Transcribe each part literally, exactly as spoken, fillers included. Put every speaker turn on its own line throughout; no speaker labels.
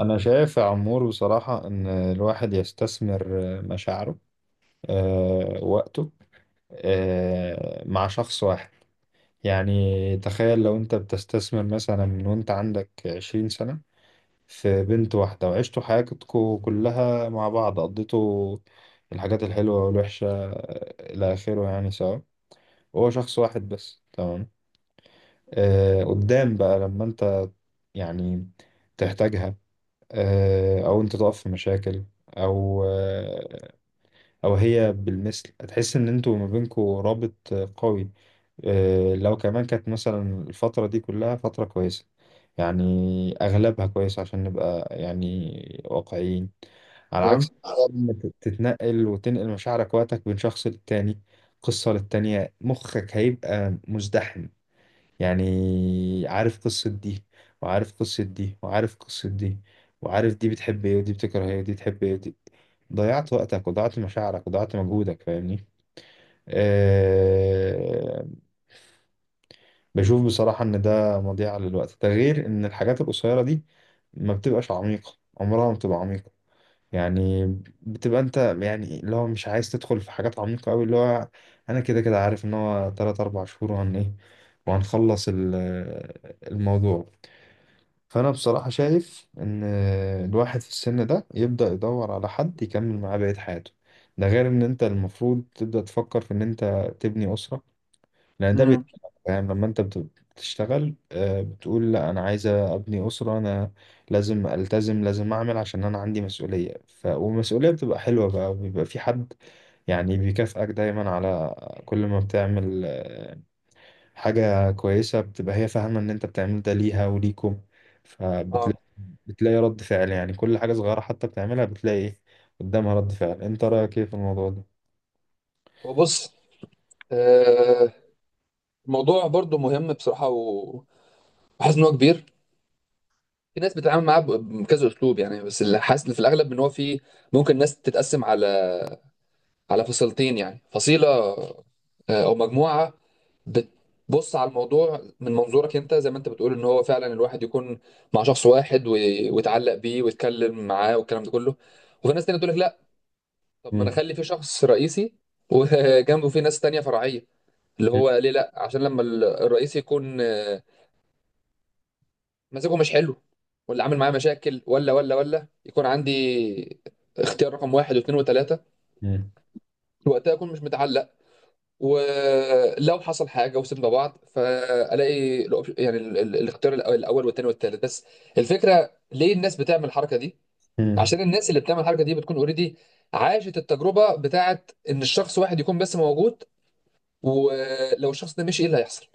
أنا شايف يا عمور بصراحة إن الواحد يستثمر مشاعره، آه، وقته، آه، مع شخص واحد. يعني تخيل لو أنت بتستثمر مثلا من وأنت عندك عشرين سنة في بنت واحدة، وعشتوا حياتكم كلها مع بعض، قضيتوا الحاجات الحلوة والوحشة آه، إلى آخره يعني سوا، هو شخص واحد بس. تمام، آه، قدام بقى لما أنت يعني تحتاجها، آه، او انت تقف في مشاكل، او آه، او هي بالمثل، هتحس ان انتوا ما بينكوا رابط آه، قوي. آه، لو كمان كانت مثلا الفترة دي كلها فترة كويسة، يعني اغلبها كويس عشان نبقى يعني واقعيين. على
تمام.
عكس لما تت- تتنقل وتنقل مشاعرك وقتك بين شخص للتاني، قصة للتانية، مخك هيبقى مزدحم. يعني عارف قصة دي وعارف قصة دي وعارف قصة دي، وعارف دي بتحب ايه ودي بتكره ايه ودي بتحب ايه ودي، ضيعت وقتك وضيعت مشاعرك وضيعت مجهودك. فاهمني؟ أه. بشوف بصراحة ان ده مضيعة للوقت. ده غير ان الحاجات القصيرة دي ما بتبقاش عميقة، عمرها ما بتبقى عميقة. يعني بتبقى انت يعني اللي هو مش عايز تدخل في حاجات عميقة قوي، اللي هو انا كده كده عارف ان هو ثلاثة أربعة شهور وهن ايه وهنخلص ال- الموضوع. فأنا بصراحة شايف إن الواحد في السن ده يبدأ يدور على حد يكمل معاه بقية حياته. ده غير إن أنت المفروض تبدأ تفكر في إن أنت تبني أسرة، لأن ده بي-.
امم
فاهم لما أنت بت- بتشتغل آه، بتقول لا أنا عايزة أبني أسرة، أنا لازم ألتزم، لازم أعمل عشان أنا عندي مسؤولية ف... والمسؤولية بتبقى حلوة بقى، وبيبقى في حد يعني بيكافئك دايما على كل ما بتعمل آه، حاجة كويسة، بتبقى هي فاهمة إن أنت بتعمل ده ليها وليكم. فبتلاقي
اه
بتلاقي رد فعل، يعني كل حاجة صغيرة حتى بتعملها بتلاقي إيه قدامها، رد فعل. أنت رأيك إيه في الموضوع ده؟
وبص. آه الموضوع برضو مهم بصراحه، و- وحاسس ان هو كبير. في ناس بتتعامل معاه ب- بكذا اسلوب، يعني. بس اللي حاسس في الاغلب ان هو في، ممكن ناس تتقسم على على فصيلتين، يعني فصيله آه، او مجموعه بتبص على الموضوع من منظورك انت، زي ما انت بتقول ان هو فعلا الواحد يكون مع شخص واحد، وي- ويتعلق بيه ويتكلم معاه والكلام ده كله. وفي ناس تانية تقول لك لا. طب ما انا
مم.
اخلي في شخص رئيسي، وجنبه في ناس تانية فرعيه، اللي
مم.
هو ليه؟ لا، عشان لما ال- الرئيس يكون آه، مزاجه مش حلو، ولا عامل معاه مشاكل، ولا ولا ولا يكون عندي اختيار رقم واحد واثنين وثلاثة،
مم.
وقتها اكون مش متعلق. ولو حصل حاجة وسيبنا بعض، فالاقي الأوب- يعني ال- ال- الاختيار الأو- الاول والثاني والثالث بس. الفكرة ليه الناس بتعمل الحركة دي؟
مم.
عشان الناس اللي بتعمل الحركة دي بتكون اوريدي عاشت التجربة بتاعت ان الشخص واحد يكون بس موجود، ولو الشخص ده مشي ايه اللي هيحصل؟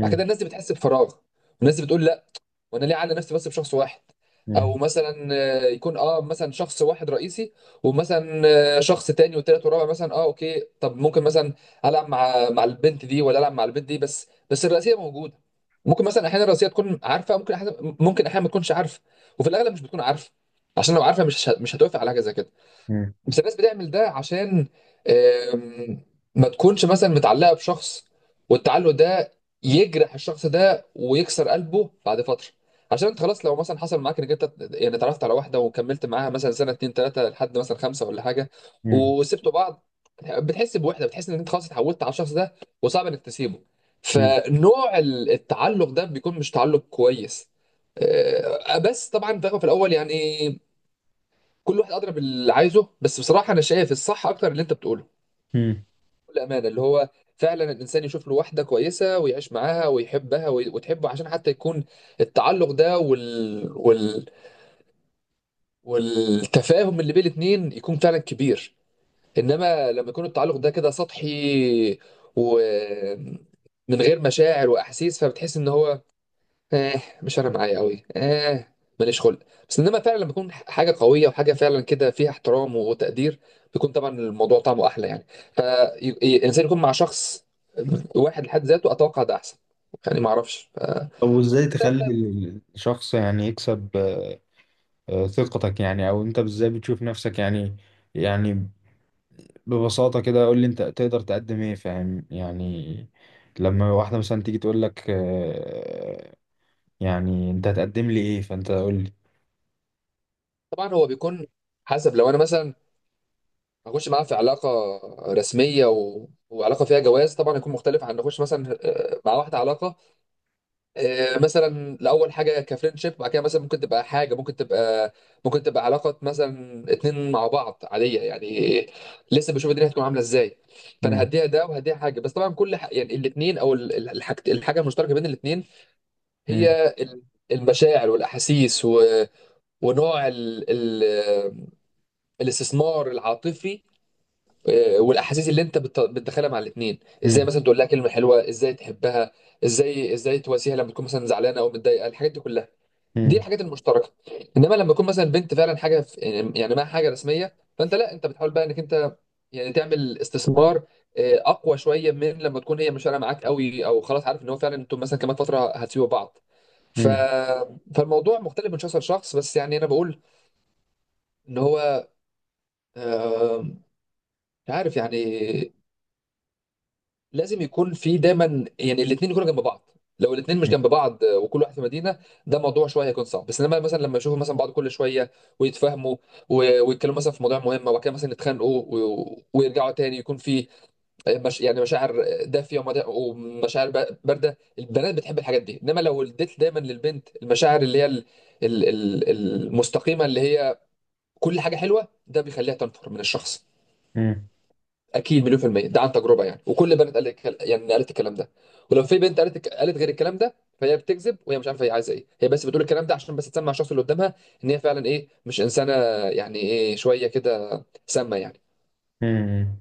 بعد كده الناس دي بتحس بفراغ، والناس دي بتقول: وانا ليه اعلي نفسي بس بشخص واحد؟ او
مم.
مثلا آه، يكون اه مثلا شخص واحد رئيسي، ومثلا آه، شخص تاني وتالت ورابع مثلا. اه اوكي، طب ممكن مثلا العب مع مع البنت دي ولا العب مع البنت دي، بس بس الرئيسيه موجوده. ممكن مثلا احيانا الرئيسيه تكون عارفه، ممكن احيانا، ممكن احيانا ما تكونش عارفه. وفي الاغلب مش بتكون عارفه، عشان لو عارفه مش مش هتوافق على حاجه زي كده. بس الناس بتعمل ده عشان آم، ما تكونش مثلا متعلقة بشخص، والتعلق ده يجرح الشخص ده ويكسر قلبه بعد فترة. عشان انت خلاص، لو مثلا حصل معاك انك انت يعني اتعرفت على واحدة وكملت معاها مثلا سنة، اتنين، تلاتة، لحد مثلا خمسة ولا حاجة،
مم.
وسبتوا بعض، بتحس بوحدة، بتحس ان انت خلاص اتعودت على الشخص ده، وصعب انك تسيبه.
مم.
فنوع التعلق ده بيكون مش تعلق كويس. آه، بس طبعا في في الاول، يعني كل واحد ادرى باللي عايزه، بس بصراحه انا شايف الصح اكتر اللي انت بتقوله،
مم.
بكل امانه، اللي هو فعلا الانسان يشوف له واحده كويسه ويعيش معاها ويحبها وي- وتحبه، عشان حتى يكون التعلق ده وال... وال... والتفاهم اللي بين الاتنين يكون فعلا كبير. انما لما يكون التعلق ده كده سطحي ومن غير مشاعر واحاسيس، فبتحس ان هو اه مش انا معايا قوي. اه ماليش خلق. بس انما فعلا لما بيكون حاجه قويه وحاجه فعلا كده فيها احترام وتقدير، بيكون طبعا الموضوع طعمه احلى يعني. فالانسان يكون مع شخص واحد لحد ذاته، اتوقع ده احسن، يعني ما اعرفش.
طب وإزاي تخلي
فده
ال- الشخص يعني يكسب آه، آه، ثقتك؟ يعني أو أنت إزاي بتشوف نفسك يعني، يعني ببساطة كده قول لي أنت تقدر تقدم إيه؟ فاهم يعني لما واحدة مثلا تيجي تقول لك آه، يعني أنت هتقدم لي إيه، فأنت قول لي.
طبعا هو بيكون حسب. لو انا مثلا هخش معاه في علاقه رسميه و... وعلاقه فيها جواز، طبعا يكون مختلف عن نخش مثلا آه، مع واحده علاقه، آه، مثلا لاول حاجه كفريندشيب، بعد كده مثلا ممكن تبقى حاجه، ممكن تبقى، ممكن تبقى علاقه مثلا اتنين مع بعض عاديه يعني. لسه بشوف الدنيا هتكون عامله ازاي. فانا
مم.
هديها ده وهديها حاجه، بس طبعا كل ح... يعني الاتنين، او ال- ال- الحاج... الحاجه المشتركه بين الاتنين،
مم.
هي ال- المشاعر والاحاسيس و... ونوع ال... ال... الاستثمار العاطفي آه، والاحاسيس اللي انت بت... بتدخلها مع الاتنين. ازاي مثلا تقول لها كلمه حلوه، ازاي تحبها، ازاي ازاي تواسيها لما تكون مثلا زعلانه او متضايقه، الحاجات دي كلها دي
مم.
الحاجات المشتركه. انما لما يكون مثلا بنت فعلا حاجه في، يعني معاها حاجه رسميه، فانت لا، انت بتحاول بقى انك انت يعني تعمل استثمار آه، اقوى شويه من لما تكون هي مش فارقه معاك قوي، او خلاص عارف ان هو فعلا انتم مثلا كمان فتره هتسيبوا بعض. ف...
مم.
فالموضوع مختلف من شخص لشخص، بس يعني انا بقول ان هو آه، مش عارف، يعني لازم يكون في دايما، يعني الاثنين يكونوا جنب بعض. لو الاثنين مش جنب بعض آه، وكل واحد في مدينه، ده موضوع شويه هيكون صعب. بس انما مثلا لما يشوفوا مثلا بعض كل شويه ويتفاهموا و- ويتكلموا مثلا في مواضيع مهمه، وبعد كده مثلا يتخانقوا و- ويرجعوا تاني، يكون في آه، مش يعني مشاعر دافيه ومدا- ومشاعر ب- بارده. البنات بتحب الحاجات دي، انما لو اديت دايما للبنت المشاعر اللي هي ال- ال- ال- المستقيمه، اللي هي كل حاجه حلوه، ده بيخليها تنفر من الشخص،
مم.
اكيد، مليون في المية، ده عن تجربة يعني. وكل البنات قالت الكل- يعني قالت الكلام ده. ولو في بنت قالت قالت غير الكلام ده، فهي بتكذب وهي مش عارفة هي عايزة ايه، هي بس بتقول الكلام ده عشان بس تسمع الشخص اللي قدامها ان هي فعلا ايه، مش انسانة يعني، ايه، شوية كده سامة يعني.
مم.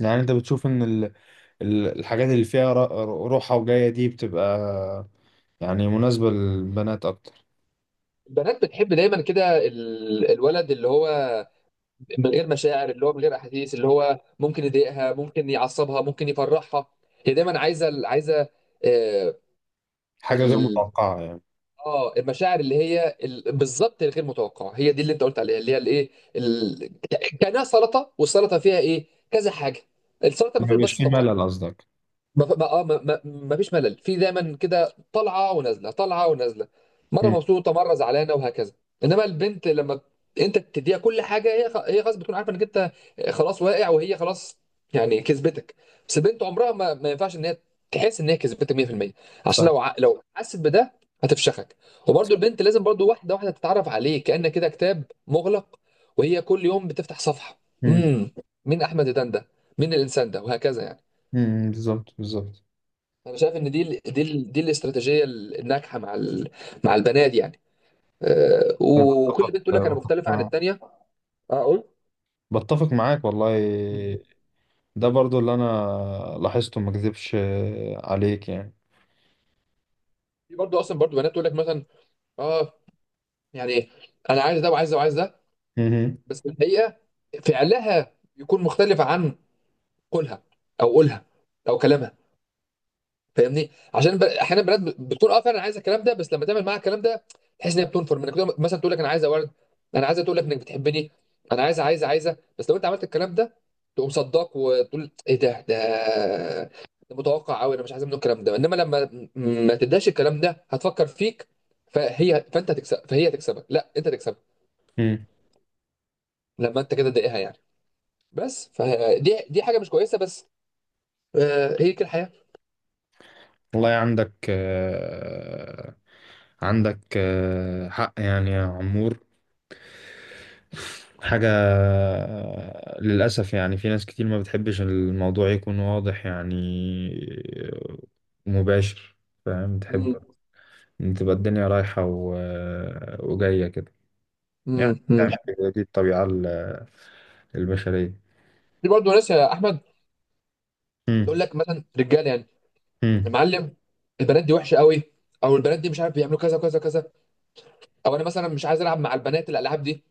يعني انت بتشوف ان ال- ال- الحاجات اللي فيها ر- روحة وجاية دي بتبقى يعني مناسبة للبنات اكتر؟
البنات بتحب دايما كده ال- الولد اللي هو من غير مشاعر، اللي هو من غير احاسيس، اللي هو ممكن يضايقها، ممكن يعصبها، ممكن يفرحها. هي دايما عايزة عايزة. آه،
حاجة غير متوقعة يعني.
اه المشاعر اللي هي ال- بالظبط الغير متوقعه، هي دي اللي انت قلت عليها، اللي هي الايه، ال... كانها سلطه، والسلطه فيها ايه؟ كذا حاجه، السلطه
ما
ما فيهاش
بيبقاش
بس
فيه
طماطم.
ملل قصدك؟
ما ما اه ما ما ما فيش ملل، في دايما كده طالعه ونازله، طالعه ونازله، مره
مم.
مبسوطه مره زعلانه، وهكذا. انما البنت لما انت تديها كل حاجه، هي خ- هي خلاص بتكون عارفه انك انت خلاص واقع، وهي خلاص يعني كسبتك. بس البنت عمرها ما, ما ينفعش ان هي تحس ان هي كسبتك مية في المية، عشان
صح.
لو ع- لو حست بده هتفشخك. وبرده البنت لازم برده واحده واحده تتعرف عليه، كأن كده كتاب مغلق وهي كل يوم بتفتح صفحه.
مم.
امم مين احمد دندن ده؟ مين الانسان ده؟ وهكذا يعني.
مم. بالظبط بالظبط.
انا شايف ان دي ال دي ال دي الاستراتيجيه الناجحه مع ال مع البنات يعني آه، وكل
بتفق
بنت تقول لك انا مختلفه عن
مع-
التانيه. اه، قول.
بتفق معاك والله، ده برضو اللي انا لاحظته، ما اكذبش عليك يعني.
في برضه اصلا برضه بنات تقول لك مثلا اه يعني انا عايز ده وعايز ده وعايز ده،
مم.
بس في الحقيقه فعلها يكون مختلف عن قولها، او قولها، او كلامها. فاهمني؟ عشان ب... احيانا بنات ب- بتكون اه فعلا عايزه الكلام ده، بس لما تعمل معاها الكلام ده تحس ان هي بتنفر منك. تقول- مثلا تقول لك انا عايزه ورد، انا عايزه تقول لك انك بتحبني، انا عايزه عايزه عايزه، بس لو انت عملت الكلام ده تقوم صداك وتقول: ايه ده ده ده متوقع قوي، انا مش عايز منه الكلام ده. انما لما م- ما تداش الكلام ده هتفكر فيك. فهي، فانت هتكسب، فهي تكسبك، لا انت تكسبك،
مم.
لما انت كده تضايقها يعني. بس فدي دي حاجه مش كويسه، بس آه، هي كده الحياه.
والله عندك آه، عندك آه، حق يعني يا عمور. حاجة، للأسف يعني في ناس كتير ما بتحبش الموضوع يكون واضح يعني، مباشر. فاهم؟ تحب
امم
إن تبقى الدنيا رايحة و... وجاية كده، يعني
امم
تعمل كده، دي الطبيعة ال- البشرية.
في برضه ناس، يا احمد، تقول
مم.
لك مثلا رجاله، يعني يا
مم.
معلم، البنات دي وحشه قوي، او البنات دي مش عارف بيعملوا كذا وكذا وكذا، او انا مثلا مش عايز العب مع البنات الالعاب دي.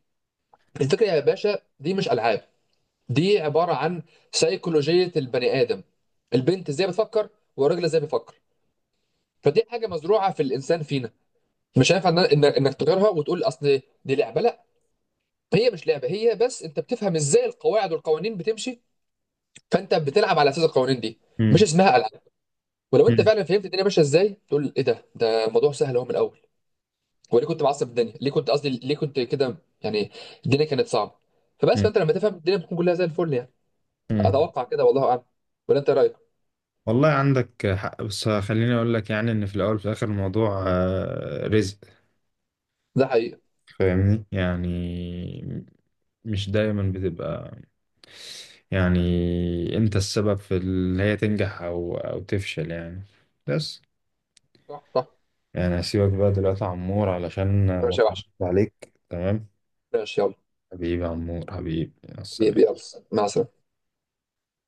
الفكره يا باشا، دي مش العاب، دي عباره عن سيكولوجيه البني ادم، البنت ازاي بتفكر والراجل ازاي بيفكر. فدي حاجه مزروعه في الانسان فينا، مش هينفع إن- إن- انك تغيرها وتقول اصل دي لعبه. لا، هي مش لعبه، هي بس انت بتفهم ازاي القواعد والقوانين بتمشي، فانت بتلعب على اساس القوانين دي، مش
مم.
اسمها العاب. ولو انت
مم.
فعلا فهمت الدنيا ماشيه ازاي، تقول ايه ده ده الموضوع سهل اهو من الاول. وليه كنت معصب الدنيا، ليه كنت، قصدي ليه كنت كده يعني؟ الدنيا كانت صعبه. فبس،
مم.
فانت لما تفهم الدنيا بتكون كلها زي الفل يعني.
مم.
اتوقع كده، والله اعلم. ولا انت إيه رايك؟
والله عندك حق، بس خليني أقول لك يعني إن في الأول وفي الآخر الموضوع آه، رزق.
ده حقيقه.
فاهمني يعني، مش دايما بتبقى يعني انت السبب في اللي هي تنجح او او تفشل يعني. بس
صح، صح.
يعني هسيبك بقى دلوقتي يا عمور علشان ما
ماشي يا
اطولش
وحش،
عليك. تمام،
ماشي يلا.
حبيبي يا عمور، حبيبي، مع
بيبي
السلامة.
يلا، مع السلامه.